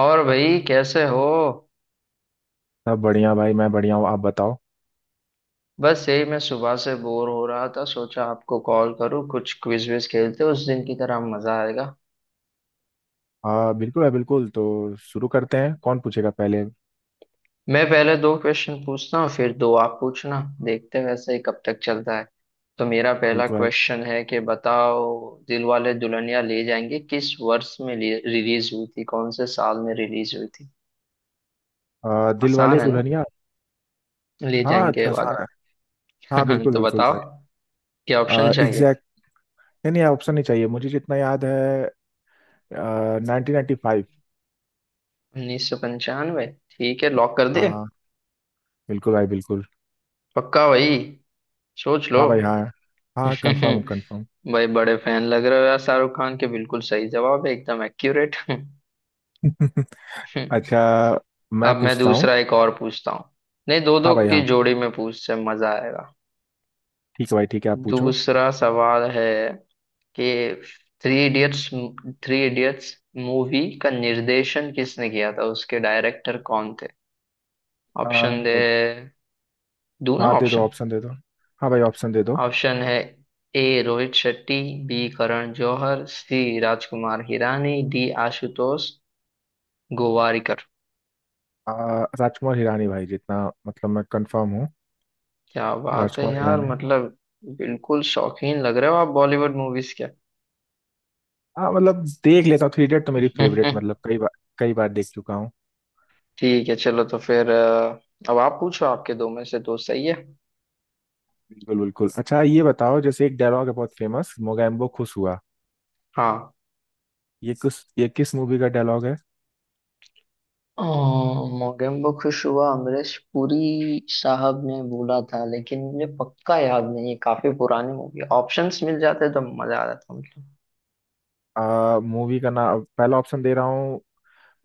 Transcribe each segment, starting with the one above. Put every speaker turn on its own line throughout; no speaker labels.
और भाई कैसे हो?
सब बढ़िया भाई। मैं बढ़िया हूँ। आप बताओ।
बस यही मैं सुबह से बोर हो रहा था, सोचा आपको कॉल करूं, कुछ क्विज विज खेलते उस दिन की तरह, मजा आएगा।
हाँ बिल्कुल है। बिल्कुल तो शुरू करते हैं। कौन पूछेगा पहले।
मैं पहले दो क्वेश्चन पूछता हूँ फिर दो आप पूछना, देखते हैं वैसे ही कब तक चलता है। तो मेरा पहला
बिल्कुल है।
क्वेश्चन है कि बताओ, दिलवाले दुल्हनिया ले जाएंगे किस वर्ष में रिलीज हुई थी, कौन से साल में रिलीज हुई थी?
दिल वाले
आसान है ना?
दुल्हनिया।
ले
हाँ
जाएंगे
आसान
वाला।
है। हाँ बिल्कुल
तो
बिल्कुल
बताओ,
भाई।
क्या ऑप्शन चाहिए?
एग्जैक्ट। नहीं नहीं ऑप्शन नहीं चाहिए, मुझे जितना याद है। Nineteen ninety five.
उन्नीस सौ पंचानवे, ठीक है, लॉक कर दे?
हाँ बिल्कुल भाई बिल्कुल।
पक्का भाई? सोच लो।
हाँ भाई हाँ। हाँ कंफर्म कंफर्म।
भाई बड़े फैन लग रहे हो यार शाहरुख खान के, बिल्कुल सही जवाब है, एकदम एक्यूरेट।
अच्छा। मैं
अब मैं
पूछता हूँ।
दूसरा एक और पूछता हूँ। नहीं, दो दो
हाँ भाई
की
हाँ।
जोड़ी में पूछ से मजा आएगा।
ठीक है भाई ठीक है, आप पूछो।
दूसरा सवाल है कि three idiots three idiots movie का निर्देशन किसने किया था, उसके डायरेक्टर कौन थे?
आ,
ऑप्शन दे? दूं ना
हाँ दे दो
ऑप्शन?
ऑप्शन दे दो। हाँ भाई ऑप्शन दे दो।
ऑप्शन है, A Rohit Shetty, B Karan Johar, C Rajkumar Hirani, D Ashutosh Gowariker.
आ, राजकुमार हिरानी भाई, जितना मतलब मैं कंफर्म हूँ।
क्या बात है
राजकुमार
यार,
ईरानी।
मतलब बिल्कुल शौकीन लग रहे हो आप बॉलीवुड मूवीज के।
हाँ मतलब देख लेता हूँ, थ्री इडियट तो मेरी फेवरेट, मतलब कई बार देख चुका हूँ।
ठीक है चलो तो फिर। अब आप पूछो, आपके दो में से दो सही है।
बिल्कुल बिल्कुल। अच्छा ये बताओ, जैसे एक डायलॉग है बहुत फेमस, मोगैम्बो खुश हुआ।
हाँ।
ये किस मूवी का डायलॉग है।
अ, मोगेम्बो खुश हुआ अमरीश पुरी साहब ने बोला था, लेकिन मुझे पक्का याद नहीं है, काफी पुरानी मूवी, ऑप्शंस मिल जाते तो मजा आ जाता मतलब।
आ मूवी का नाम पहला ऑप्शन दे रहा हूँ,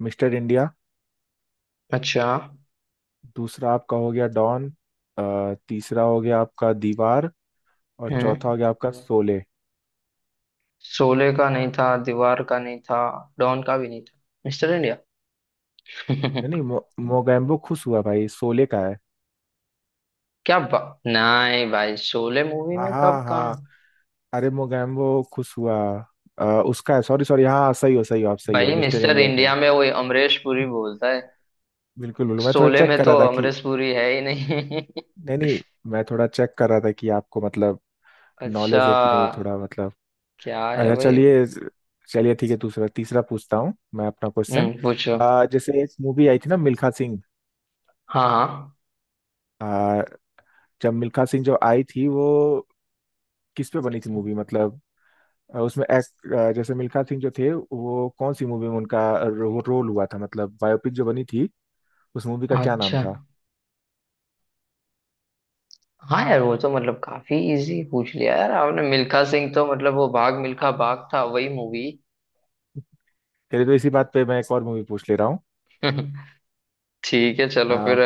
मिस्टर इंडिया।
अच्छा।
दूसरा आपका हो गया डॉन। तीसरा हो गया आपका दीवार। और चौथा
हम्म
हो गया आपका शोले।
शोले का नहीं था, दीवार का नहीं था, डॉन का भी नहीं था। Mister India.
नहीं नहीं मोगैम्बो खुश हुआ भाई, शोले का है।
क्या बा... नहीं भाई, शोले मूवी
हाँ
में कब
हाँ हाँ।
कहाँ?
अरे मोगैम्बो खुश हुआ। उसका है। Sorry sorry. हाँ सही हो आप, सही हो।
भाई
मिस्टर
मिस्टर
इंडिया का है।
इंडिया में वो अमरीश पुरी बोलता है,
बिल्कुल बिल्कुल। मैं थोड़ा
शोले
चेक
में
कर
तो
रहा था कि
अमरीश पुरी है ही नहीं।
नहीं नहीं, मैं थोड़ा चेक कर रहा था कि आपको मतलब
अच्छा।
नॉलेज है कि नहीं थोड़ा मतलब।
क्या है
अच्छा
भाई?
चलिए। चलिए ठीक है। दूसरा तीसरा पूछता हूँ मैं अपना क्वेश्चन।
पूछो।
जैसे एक मूवी आई थी ना, मिल्खा सिंह।
हाँ हाँ।
अ, जब मिल्खा सिंह जो आई थी वो किस पे बनी थी मूवी, मतलब उसमें एक्ट, जैसे मिल्खा सिंह जो थे वो कौन सी मूवी में उनका रोल हुआ था, मतलब बायोपिक जो बनी थी, उस मूवी का क्या नाम
अच्छा
था।
हाँ, यार वो तो मतलब काफी इजी पूछ लिया यार आपने, मिल्खा सिंह तो मतलब वो भाग मिल्खा भाग था, वही मूवी।
चलिए तो इसी बात पे मैं एक और मूवी पूछ ले रहा हूँ।
ठीक है चलो
आ,
फिर।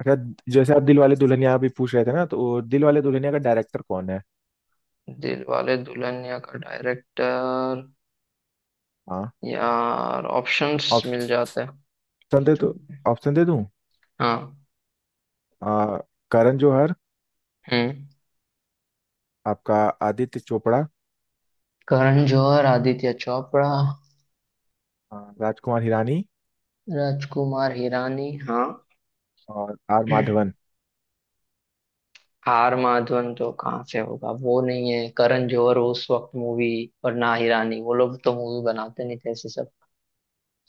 अच्छा। जैसे आप दिल वाले दुल्हनिया अभी पूछ रहे थे ना, तो दिल वाले दुल्हनिया का डायरेक्टर कौन है।
दिलवाले दुल्हनिया का डायरेक्टर?
हाँ
यार ऑप्शंस मिल
ऑप्शन
जाते हैं
दे तो।
तो।
ऑप्शन दे दूँ।
हाँ।
आ, करण जौहर।
हम्म।
आपका आदित्य चोपड़ा।
करण जौहर, आदित्य चोपड़ा,
राजकुमार हिरानी।
राजकुमार हिरानी, हाँ,
और आर माधवन।
आर माधवन तो कहाँ से होगा, वो नहीं है। करण जौहर उस वक्त मूवी, और ना हिरानी, वो लोग तो मूवी बनाते नहीं थे ऐसे सब।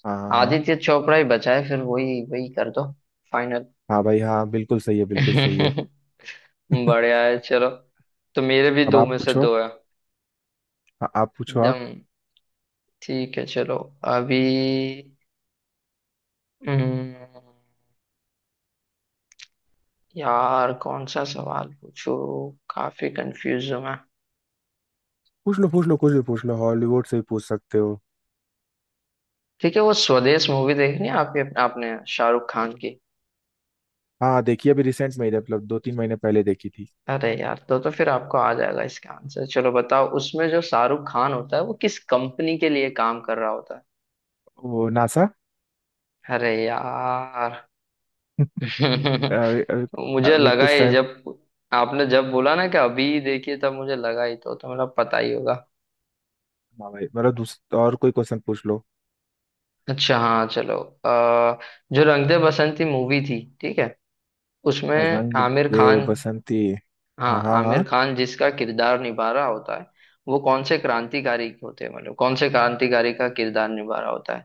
हाँ हाँ हाँ।
आदित्य चोपड़ा ही बचा है फिर, वही वही कर दो। फाइनल।
हाँ भाई हाँ, बिल्कुल सही है बिल्कुल सही है।
बढ़िया है चलो। तो मेरे भी
अब
दो
आप
में से
पूछो।
दो है।
हाँ, आप पूछो आप।
एकदम ठीक है चलो। अभी हम्म, यार कौन सा सवाल पूछूं? काफी कंफ्यूज हूं मैं।
पूछ लो पूछ लो, कुछ भी पूछ लो, हॉलीवुड से भी पूछ सकते हो।
ठीक है, वो स्वदेश मूवी देखनी है आपके आपने शाहरुख खान की?
हाँ देखिए, अभी रिसेंट में ही, मतलब दो तीन महीने पहले देखी थी।
अरे यार, तो फिर आपको आ जाएगा इसका आंसर। चलो बताओ, उसमें जो शाहरुख खान होता है वो किस कंपनी के लिए काम कर रहा होता है?
वो नासा।
अरे यार।
अभी अभी।
मुझे
अभी
लगा
कुछ
ही
टाइम।
जब आपने जब बोला ना कि अभी देखिए तब मुझे लगा ही तो मतलब पता ही होगा।
हाँ भाई, मेरा दूसरा और कोई क्वेश्चन पूछ लो।
अच्छा हाँ चलो। जो रंग दे बसंती मूवी थी, ठीक है, उसमें
रंग
आमिर
दे
खान,
बसंती।
हाँ,
हाँ हाँ
आमिर
हाँ।
खान जिसका किरदार निभा रहा होता है वो कौन से क्रांतिकारी होते हैं, मतलब कौन से क्रांतिकारी का किरदार निभा रहा होता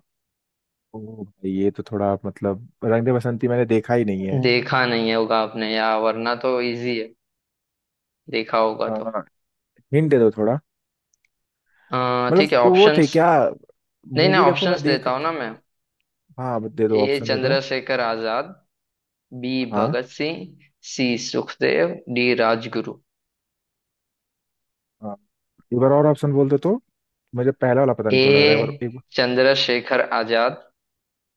ओ भाई, ये तो थोड़ा आप, मतलब रंग दे बसंती मैंने देखा ही नहीं
है?
है।
देखा नहीं होगा आपने, या वरना तो इजी है, देखा होगा तो।
हिंट दे दो थोड़ा, मतलब
ठीक है,
वो थे
ऑप्शंस।
क्या।
नहीं नहीं,
मूवी देखो मैं
ऑप्शंस
देख।
देता हूँ ना मैं।
हाँ दे दो
ए
ऑप्शन दे दो।
चंद्रशेखर आजाद, बी
हाँ
भगत सिंह, सी सुखदेव, डी राजगुरु।
हाँ। एक बार और ऑप्शन बोल दो तो। मुझे पहला वाला पता नहीं क्यों लग रहा है
ए
एक बार।
चंद्रशेखर आजाद,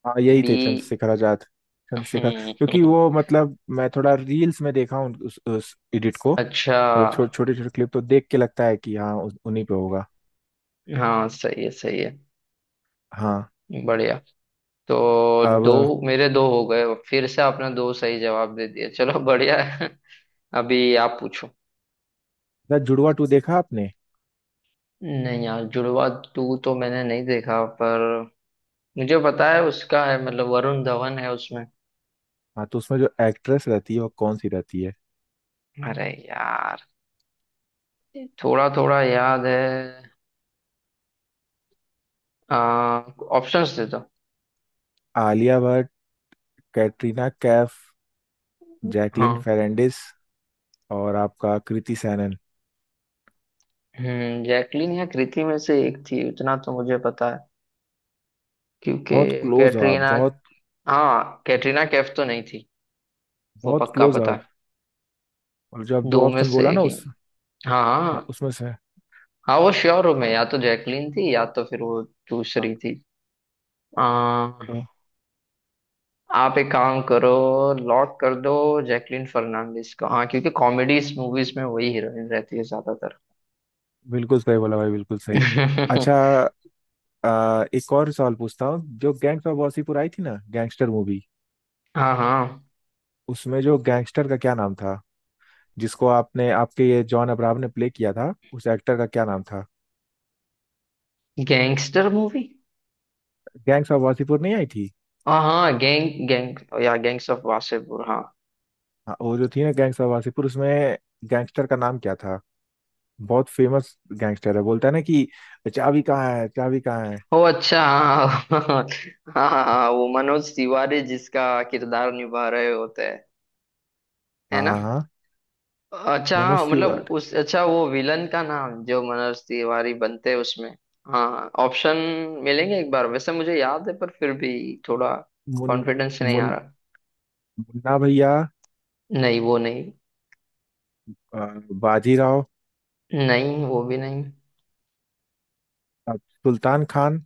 हाँ यही
बी।
थे चंद्रशेखर आजाद। चंद्रशेखर, क्योंकि
हम्म।
वो मतलब मैं थोड़ा रील्स में देखा हूँ उस एडिट को,
अच्छा,
मतलब छोटे छोटे क्लिप तो देख के लगता है कि हाँ उन्हीं पे होगा।
हाँ सही है, सही है।
हाँ।
बढ़िया। तो
अब
दो मेरे दो हो गए, फिर से आपने दो सही जवाब दे दिए, चलो बढ़िया है। अभी आप पूछो।
द जुड़वा टू देखा आपने।
नहीं यार, जुड़वा टू तो मैंने नहीं देखा, पर मुझे पता है उसका, है मतलब वरुण धवन है उसमें।
हाँ तो उसमें जो एक्ट्रेस रहती है वो कौन सी रहती है।
अरे यार, थोड़ा थोड़ा याद है। आ, ऑप्शंस दे दो।
आलिया भट्ट। कैटरीना कैफ। जैकलिन
हाँ।
फेरेंडिस। और आपका कृति सैनन।
जैकलीन या कृति में से एक थी, उतना तो मुझे पता है। क्योंकि
बहुत क्लोज हो आप
कैटरीना,
बहुत।
हाँ, कैटरीना कैफ तो नहीं थी, वो
बहुत
पक्का
क्लोज हो
पता
आप।
है।
और जो आप दो
दो में
ऑप्शन
से
बोला
एक
ना,
ही।
उस।
हाँ
हाँ
हाँ
उसमें से।
हाँ, वो श्योर हूँ मैं, या तो जैकलीन थी या तो फिर वो
हाँ
दूसरी थी। आ,
तो
आप एक काम करो, लॉक कर दो जैकलीन फर्नांडिस को, हाँ, क्योंकि कॉमेडीज मूवीज में वही हीरोइन रहती है ज्यादातर।
बिल्कुल सही बोला भाई बिल्कुल सही। अच्छा एक और सवाल पूछता हूँ। जो गैंग्स ऑफ वासीपुर आई थी ना, गैंगस्टर मूवी,
हाँ हाँ,
उसमें जो गैंगस्टर का क्या नाम था, जिसको आपने आपके ये जॉन अब्राहम ने प्ले किया था, उस एक्टर का क्या नाम था।
Gangster movie,
gangs of Wasseypur नहीं आई थी।
हाँ हाँ, गैंग गैंग या गैंग्स ऑफ वासेपुर, हाँ।
हाँ वो जो थी ना गैंग्स ऑफ वासीपुर, उसमें गैंगस्टर का नाम क्या था। बहुत फेमस गैंगस्टर है, बोलता है ना कि चाबी कहाँ है चाबी कहाँ है।
ओ अच्छा, हाँ हाँ हाँ हाँ, हाँ, वो मनोज तिवारी जिसका किरदार निभा रहे होते हैं, है
हाँ
ना?
हाँ हाँ,
अच्छा हाँ
मनोज
मतलब
तिवारी।
उस अच्छा, वो विलन का नाम जो मनोज तिवारी बनते हैं उसमें। हाँ, ऑप्शन मिलेंगे एक बार, वैसे मुझे याद है पर फिर भी थोड़ा
मुन
कॉन्फिडेंस नहीं आ
मुन
रहा।
मुन्ना भैया।
नहीं वो नहीं।
अ, बाजीराव।
नहीं वो भी नहीं।
सुल्तान खान।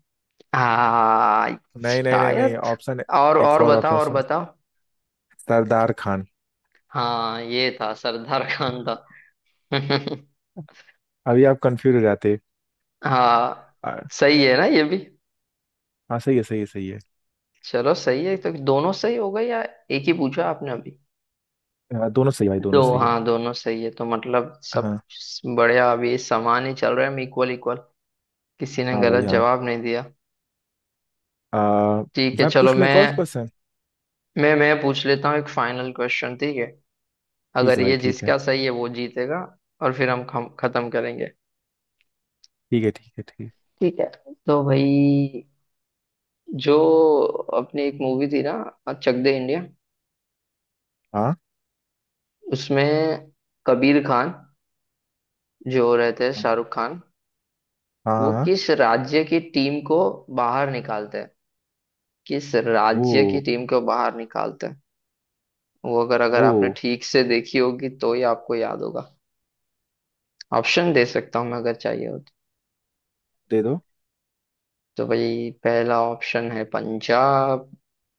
हाँ
नहीं नहीं नहीं नहीं
शायद।
ऑप्शन।
और
एक
और
और
बताओ,
ऑप्शन
और
सुन।
बताओ।
सरदार खान।
हाँ ये था, सरदार खान था।
अभी आप कंफ्यूज हो जाते।
हाँ
आ,
सही है ना ये भी?
हाँ सही है सही है सही है।
चलो सही है, तो दोनों सही हो गए, या एक ही पूछा आपने अभी?
हाँ, दोनों सही है भाई
दो,
दोनों सही है।
हाँ, दोनों सही है तो मतलब सब
हाँ।
बढ़िया। अभी समान ही चल रहा है, इक्वल इक्वल, किसी ने
हाँ भाई
गलत
हाँ।
जवाब नहीं दिया।
आ,
ठीक है
मैं
चलो,
पूछ लूँ एक
मैं
और क्वेश्चन।
मैं मैं पूछ लेता हूँ एक फाइनल क्वेश्चन, ठीक है?
ठीक
अगर
है भाई
ये
ठीक है।
जिसका सही है वो जीतेगा, और फिर हम खत्म करेंगे,
ठीक है ठीक है ठीक है।
ठीक है? तो भाई, जो अपनी एक मूवी थी ना, चक दे इंडिया,
हाँ
उसमें कबीर खान जो रहते हैं
हाँ
शाहरुख खान,
हाँ
वो
हाँ,
किस राज्य की टीम को बाहर निकालते हैं, किस
वो
राज्य की टीम को बाहर निकालते हैं? वो अगर अगर
वो
आपने ठीक से देखी होगी तो ही आपको याद होगा। ऑप्शन दे सकता हूँ मैं अगर चाहिए हो तो।
दे दो।
तो भाई, पहला ऑप्शन है पंजाब,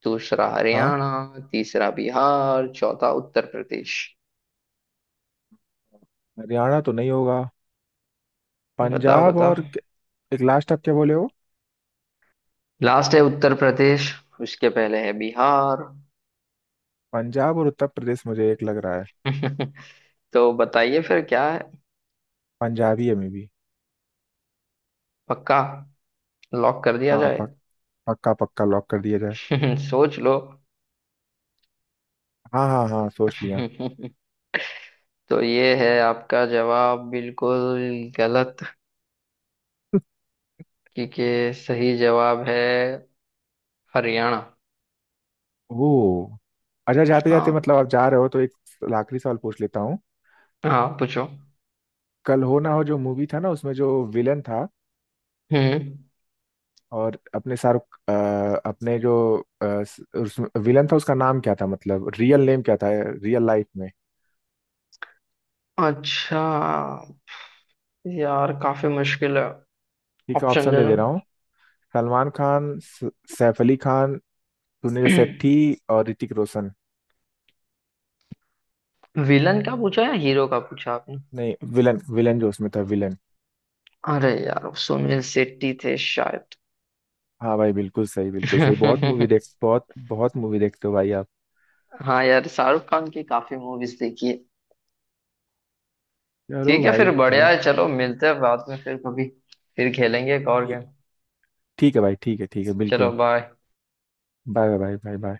दूसरा
हाँ
हरियाणा, तीसरा बिहार, चौथा उत्तर प्रदेश।
हरियाणा तो नहीं होगा।
बताओ
पंजाब
बताओ।
और एक लास्ट आप क्या बोले हो।
लास्ट है उत्तर प्रदेश, उसके पहले है बिहार।
पंजाब और उत्तर प्रदेश मुझे एक लग रहा है।
तो बताइए फिर क्या है?
पंजाबी है मे भी।
पक्का, लॉक कर दिया
हाँ
जाए?
पक्का पक्का लॉक कर दिया जाए।
सोच लो।
हाँ हाँ हाँ सोच लिया।
तो ये है आपका जवाब, बिल्कुल गलत, क्योंकि सही जवाब है हरियाणा।
ओ अच्छा, जाते जाते
हाँ
मतलब आप जा रहे हो तो एक आखिरी सवाल पूछ लेता हूँ।
हाँ पूछो।
कल हो ना हो जो मूवी था ना, उसमें जो विलन था,
हम्म
और अपने शाहरुख अपने जो उस विलन था उसका नाम क्या था, मतलब रियल नेम क्या था रियल लाइफ में।
अच्छा, यार काफी मुश्किल है।
ठीक है
ऑप्शन
ऑप्शन
दे
दे
दो।
दे रहा हूँ। सलमान खान सैफ अली खान। सुनील शेट्टी। और ऋतिक रोशन।
विलन का पूछा या हीरो का पूछा आपने?
नहीं विलन विलन जो उसमें था, विलन।
अरे यार, वो सुनील शेट्टी थे शायद।
हाँ भाई बिल्कुल सही बिल्कुल सही, बहुत बहुत मूवी देखते हो भाई आप।
हाँ यार, शाहरुख खान की काफी मूवीज देखी है।
चलो
ठीक है फिर,
भाई
बढ़िया
मतलब।
है चलो, मिलते हैं बाद में फिर कभी, फिर खेलेंगे एक और
ठीक।
गेम।
ठीक है भाई ठीक है
चलो
बिल्कुल।
Bye.
Bye bye bye bye.